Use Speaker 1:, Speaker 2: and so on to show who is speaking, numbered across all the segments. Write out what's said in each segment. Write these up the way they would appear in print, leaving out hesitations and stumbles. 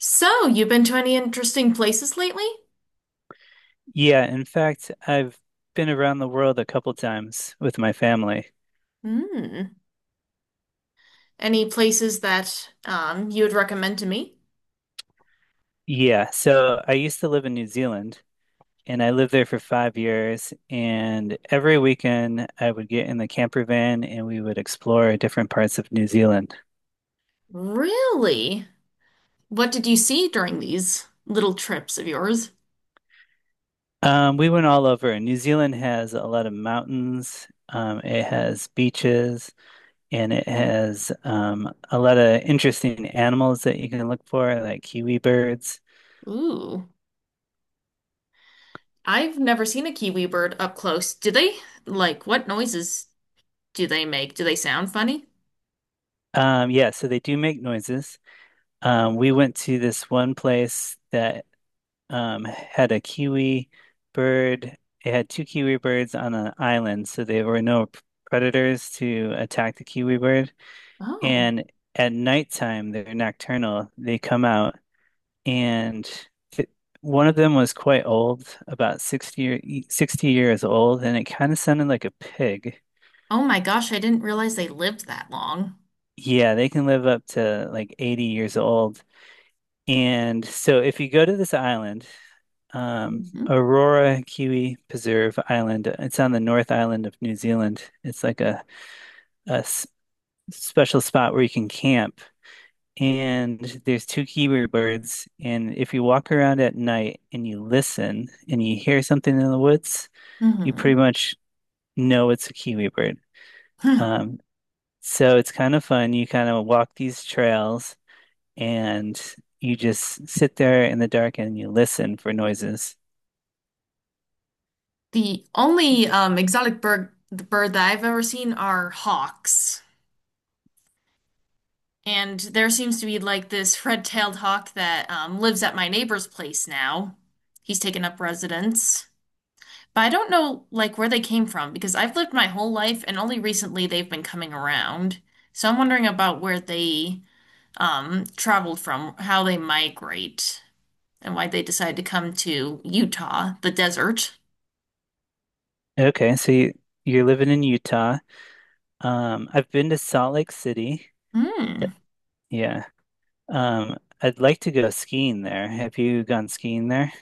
Speaker 1: So, you've been to any interesting places lately?
Speaker 2: Yeah, in fact, I've been around the world a couple times with my family.
Speaker 1: Hmm. Any places that you would recommend to me?
Speaker 2: Yeah, so I used to live in New Zealand and I lived there for 5 years. And every weekend I would get in the camper van and we would explore different parts of New Zealand.
Speaker 1: Really? What did you see during these little trips of yours?
Speaker 2: We went all over. New Zealand has a lot of mountains, it has beaches, and it has a lot of interesting animals that you can look for, like kiwi birds.
Speaker 1: Ooh, I've never seen a kiwi bird up close. Do they, like, what noises do they make? Do they sound funny?
Speaker 2: Yeah, so they do make noises. We went to this one place that had a kiwi bird. It had two kiwi birds on an island, so there were no predators to attack the kiwi bird.
Speaker 1: Oh.
Speaker 2: And at nighttime, they're nocturnal. They come out, and th one of them was quite old, about 60 years old, and it kind of sounded like a pig.
Speaker 1: Oh my gosh, I didn't realize they lived that long.
Speaker 2: Yeah, they can live up to like 80 years old. And so if you go to this island,
Speaker 1: hmm
Speaker 2: Aurora Kiwi Preserve Island. It's on the North Island of New Zealand. It's like a special spot where you can camp. And there's two kiwi birds. And if you walk around at night and you listen and you hear something in the woods, you pretty
Speaker 1: hmm
Speaker 2: much know it's a kiwi bird. Um, so it's kind of fun. You kind of walk these trails and you just sit there in the dark and you listen for noises.
Speaker 1: The only exotic bird the bird that I've ever seen are hawks. And there seems to be like this red-tailed hawk that lives at my neighbor's place now. He's taken up residence. But I don't know like where they came from because I've lived my whole life and only recently they've been coming around. So I'm wondering about where they traveled from, how they migrate, and why they decided to come to Utah, the desert.
Speaker 2: Okay, so you're living in Utah. I've been to Salt Lake City. Th-
Speaker 1: Hmm.
Speaker 2: Yeah. I'd like to go skiing there. Have you gone skiing there?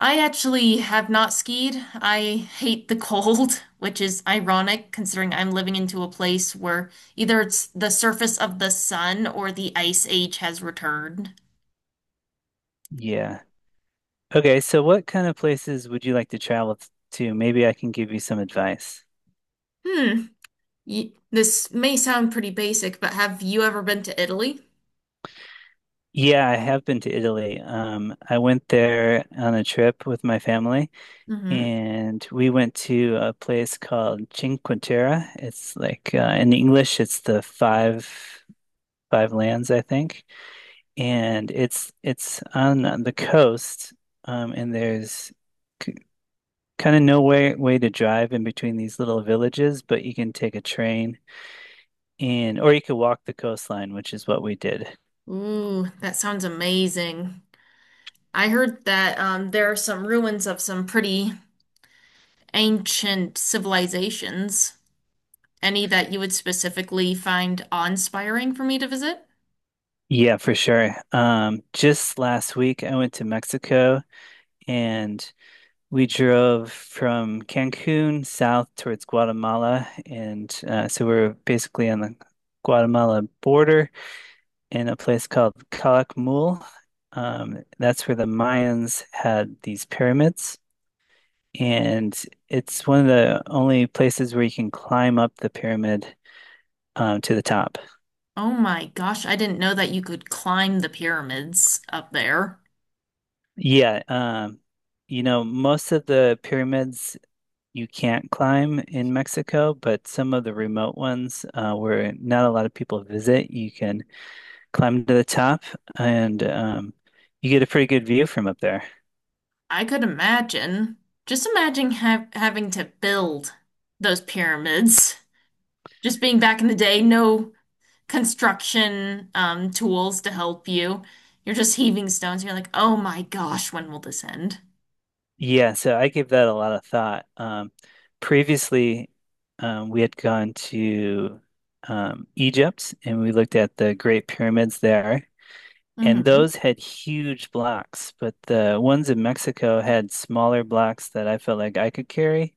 Speaker 1: I actually have not skied. I hate the cold, which is ironic considering I'm living into a place where either it's the surface of the sun or the ice age has returned.
Speaker 2: Yeah. Okay. What kind of places would you like to travel to? Maybe I can give you some advice.
Speaker 1: Hmm. Y This may sound pretty basic, but have you ever been to Italy?
Speaker 2: Yeah, I have been to Italy. I went there on a trip with my family,
Speaker 1: Mm-hmm.
Speaker 2: and we went to a place called Cinque Terre. It's like in English, it's the five lands, I think. And it's on the coast, and there's k kind of no way to drive in between these little villages, but you can take a train and or you could walk the coastline, which is what we did.
Speaker 1: Ooh, that sounds amazing. I heard that there are some ruins of some pretty ancient civilizations. Any that you would specifically find awe-inspiring for me to visit?
Speaker 2: Yeah, for sure. Just last week I went to Mexico and we drove from Cancun south towards Guatemala, and so we're basically on the Guatemala border in a place called Calakmul. That's where the Mayans had these pyramids, and it's one of the only places where you can climb up the pyramid to the top.
Speaker 1: Oh my gosh, I didn't know that you could climb the pyramids up there.
Speaker 2: Yeah, most of the pyramids you can't climb in Mexico, but some of the remote ones where not a lot of people visit, you can climb to the top and you get a pretty good view from up there.
Speaker 1: I could imagine. Just imagine ha having to build those pyramids. Just being back in the day, no construction tools to help you. You're just heaving stones. You're like, oh my gosh, when will this end?
Speaker 2: Yeah, so I gave that a lot of thought. Previously, we had gone to Egypt and we looked at the Great Pyramids there, and
Speaker 1: hmm
Speaker 2: those had huge blocks, but the ones in Mexico had smaller blocks that I felt like I could carry.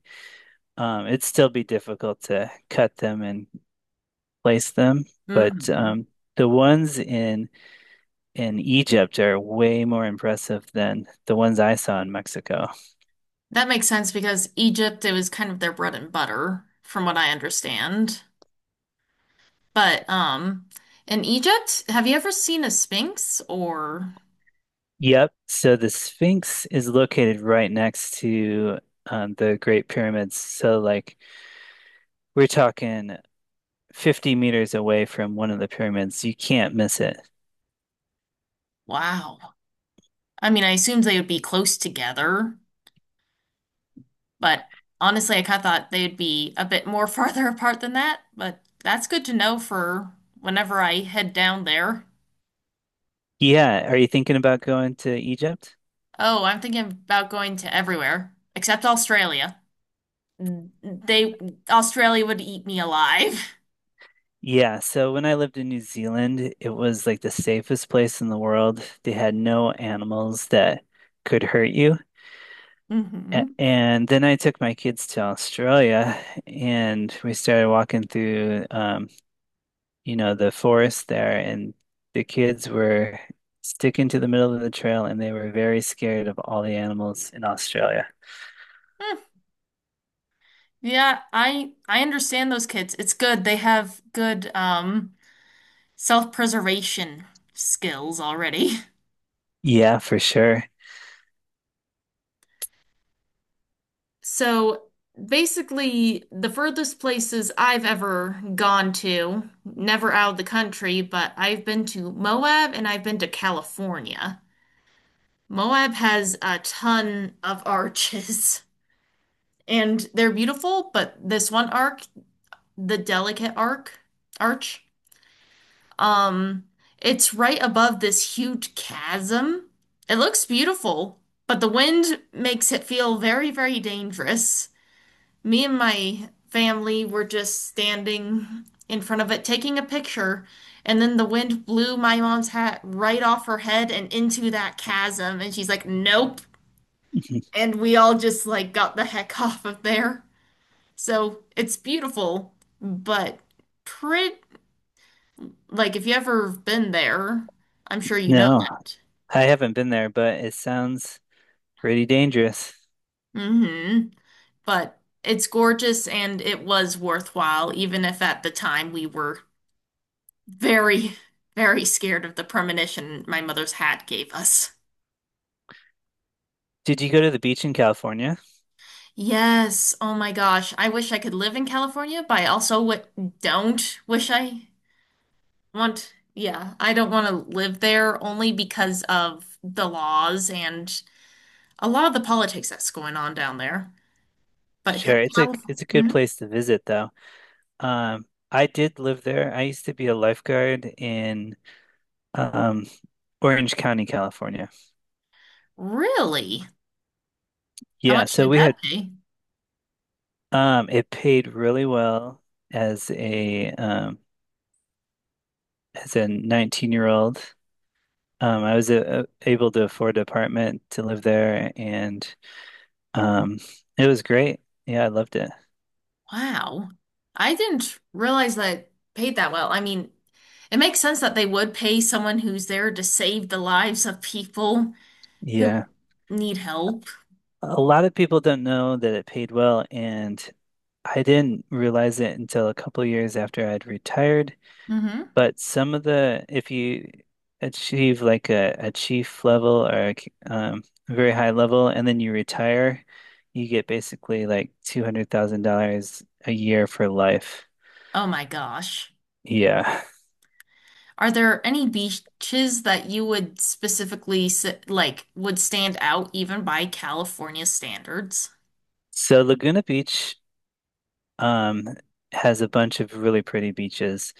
Speaker 2: It'd still be difficult to cut them and place them, but
Speaker 1: hmm
Speaker 2: the ones in Egypt are way more impressive than the ones I saw in Mexico.
Speaker 1: That makes sense because Egypt, it was kind of their bread and butter, from what I understand. But in Egypt, have you ever seen a Sphinx or
Speaker 2: Yep. So the Sphinx is located right next to the Great Pyramids. So, like, we're talking 50 meters away from one of the pyramids. You can't miss it.
Speaker 1: wow. I mean, I assumed they would be close together, but honestly, I kind of thought they'd be a bit more farther apart than that, but that's good to know for whenever I head down there.
Speaker 2: Yeah. Are you thinking about going to Egypt?
Speaker 1: Oh, I'm thinking about going to everywhere except Australia. They Australia would eat me alive.
Speaker 2: Yeah. So, when I lived in New Zealand, it was like the safest place in the world. They had no animals that could hurt you.
Speaker 1: hmm
Speaker 2: And then I took my kids to Australia and we started walking through the forest there, and the kids were sticking to the middle of the trail and they were very scared of all the animals in Australia.
Speaker 1: Yeah, I understand those kids. It's good. They have good self-preservation skills already.
Speaker 2: Yeah, for sure.
Speaker 1: So basically, the furthest places I've ever gone to, never out of the country, but I've been to Moab and I've been to California. Moab has a ton of arches, and they're beautiful, but this one arc, the delicate arc, arch, Um, it's right above this huge chasm. It looks beautiful, but the wind makes it feel very, very dangerous. Me and my family were just standing in front of it taking a picture, and then the wind blew my mom's hat right off her head and into that chasm, and she's like, "Nope." And we all just like got the heck off of there. So, it's beautiful, but pretty like if you ever been there, I'm sure you know
Speaker 2: No,
Speaker 1: that.
Speaker 2: I haven't been there, but it sounds pretty dangerous.
Speaker 1: Hmm. But it's gorgeous and it was worthwhile, even if at the time we were very, very scared of the premonition my mother's hat gave us.
Speaker 2: Did you go to the beach in California?
Speaker 1: Yes, oh my gosh. I wish I could live in California, but I also w don't yeah, I don't want to live there only because of the laws and a lot of the politics that's going on down there. But
Speaker 2: Sure, it's a good
Speaker 1: California.
Speaker 2: place to visit though. I did live there. I used to be a lifeguard in um, Orange County, California.
Speaker 1: Really? How
Speaker 2: Yeah,
Speaker 1: much
Speaker 2: so
Speaker 1: did
Speaker 2: we
Speaker 1: that
Speaker 2: had
Speaker 1: pay?
Speaker 2: it paid really well as a 19-year-old. I was able to afford an apartment to live there, and um, it was great. Yeah, I loved it.
Speaker 1: Wow. I didn't realize that it paid that well. I mean, it makes sense that they would pay someone who's there to save the lives of people who
Speaker 2: Yeah,
Speaker 1: need help.
Speaker 2: a lot of people don't know that it paid well, and I didn't realize it until a couple years after I'd retired.
Speaker 1: Hmm.
Speaker 2: But if you achieve like a chief level or a very high level and then you retire, you get basically like $200,000 a year for life.
Speaker 1: Oh my gosh.
Speaker 2: Yeah.
Speaker 1: Are there any beaches that you would specifically like would stand out even by California standards?
Speaker 2: So Laguna Beach, um, has a bunch of really pretty beaches.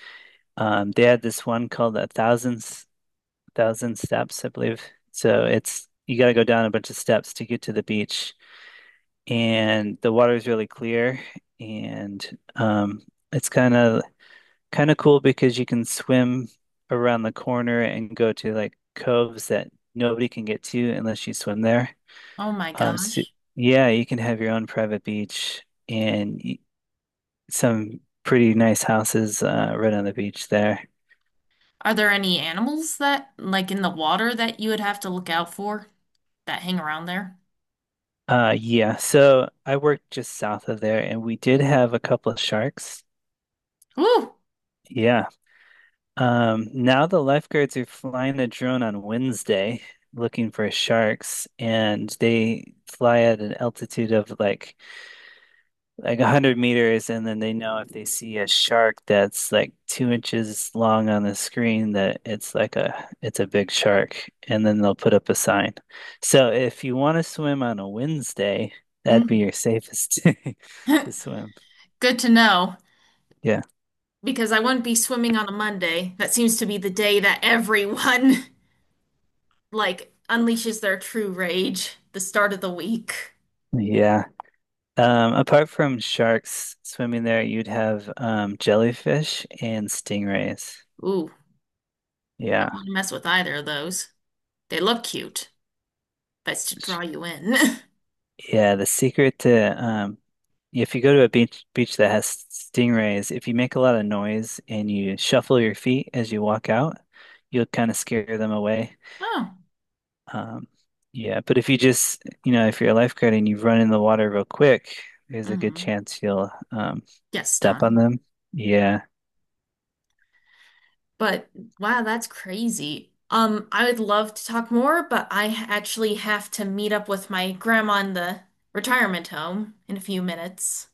Speaker 2: They had this one called thousand steps, I believe. So it's, you got to go down a bunch of steps to get to the beach. And the water is really clear and it's kind of cool because you can swim around the corner and go to like coves that nobody can get to unless you swim there.
Speaker 1: Oh my
Speaker 2: Um so,
Speaker 1: gosh.
Speaker 2: yeah, you can have your own private beach and some pretty nice houses right on the beach there.
Speaker 1: Are there any animals that like in the water that you would have to look out for that hang around there?
Speaker 2: Yeah, so I worked just south of there and we did have a couple of sharks.
Speaker 1: Ooh.
Speaker 2: Yeah. Now the lifeguards are flying a drone on Wednesday looking for sharks, and they fly at an altitude of like 100 meters, and then they know if they see a shark that's like 2 inches long on the screen that it's a big shark, and then they'll put up a sign. So if you want to swim on a Wednesday, that'd be your
Speaker 1: Hmm.
Speaker 2: safest day to swim.
Speaker 1: Good to know
Speaker 2: Yeah.
Speaker 1: because I wouldn't be swimming on a Monday. That seems to be the day that everyone like unleashes their true rage, the start of the week.
Speaker 2: Yeah. Apart from sharks swimming there, you'd have jellyfish and stingrays.
Speaker 1: Ooh,
Speaker 2: Yeah.
Speaker 1: don't want to mess with either of those. They look cute. That's to draw
Speaker 2: Sh-
Speaker 1: you in.
Speaker 2: Yeah, the secret to if you go to a beach that has stingrays, if you make a lot of noise and you shuffle your feet as you walk out, you'll kind of scare them away.
Speaker 1: Oh,
Speaker 2: Um, yeah, but if you just, you know, if you're a lifeguard and you run in the water real quick, there's a good
Speaker 1: mm,
Speaker 2: chance you'll
Speaker 1: get
Speaker 2: step on
Speaker 1: stung.
Speaker 2: them. Yeah.
Speaker 1: But wow, that's crazy. I would love to talk more, but I actually have to meet up with my grandma in the retirement home in a few minutes.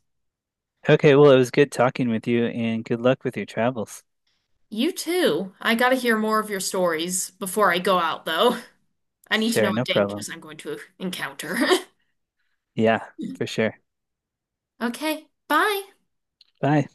Speaker 2: Okay, well, it was good talking with you and good luck with your travels.
Speaker 1: You too. I gotta hear more of your stories before I go out, though. I need to know
Speaker 2: Sure, no
Speaker 1: what
Speaker 2: problem.
Speaker 1: dangers I'm going to encounter.
Speaker 2: Yeah, for sure.
Speaker 1: Okay, bye.
Speaker 2: Bye.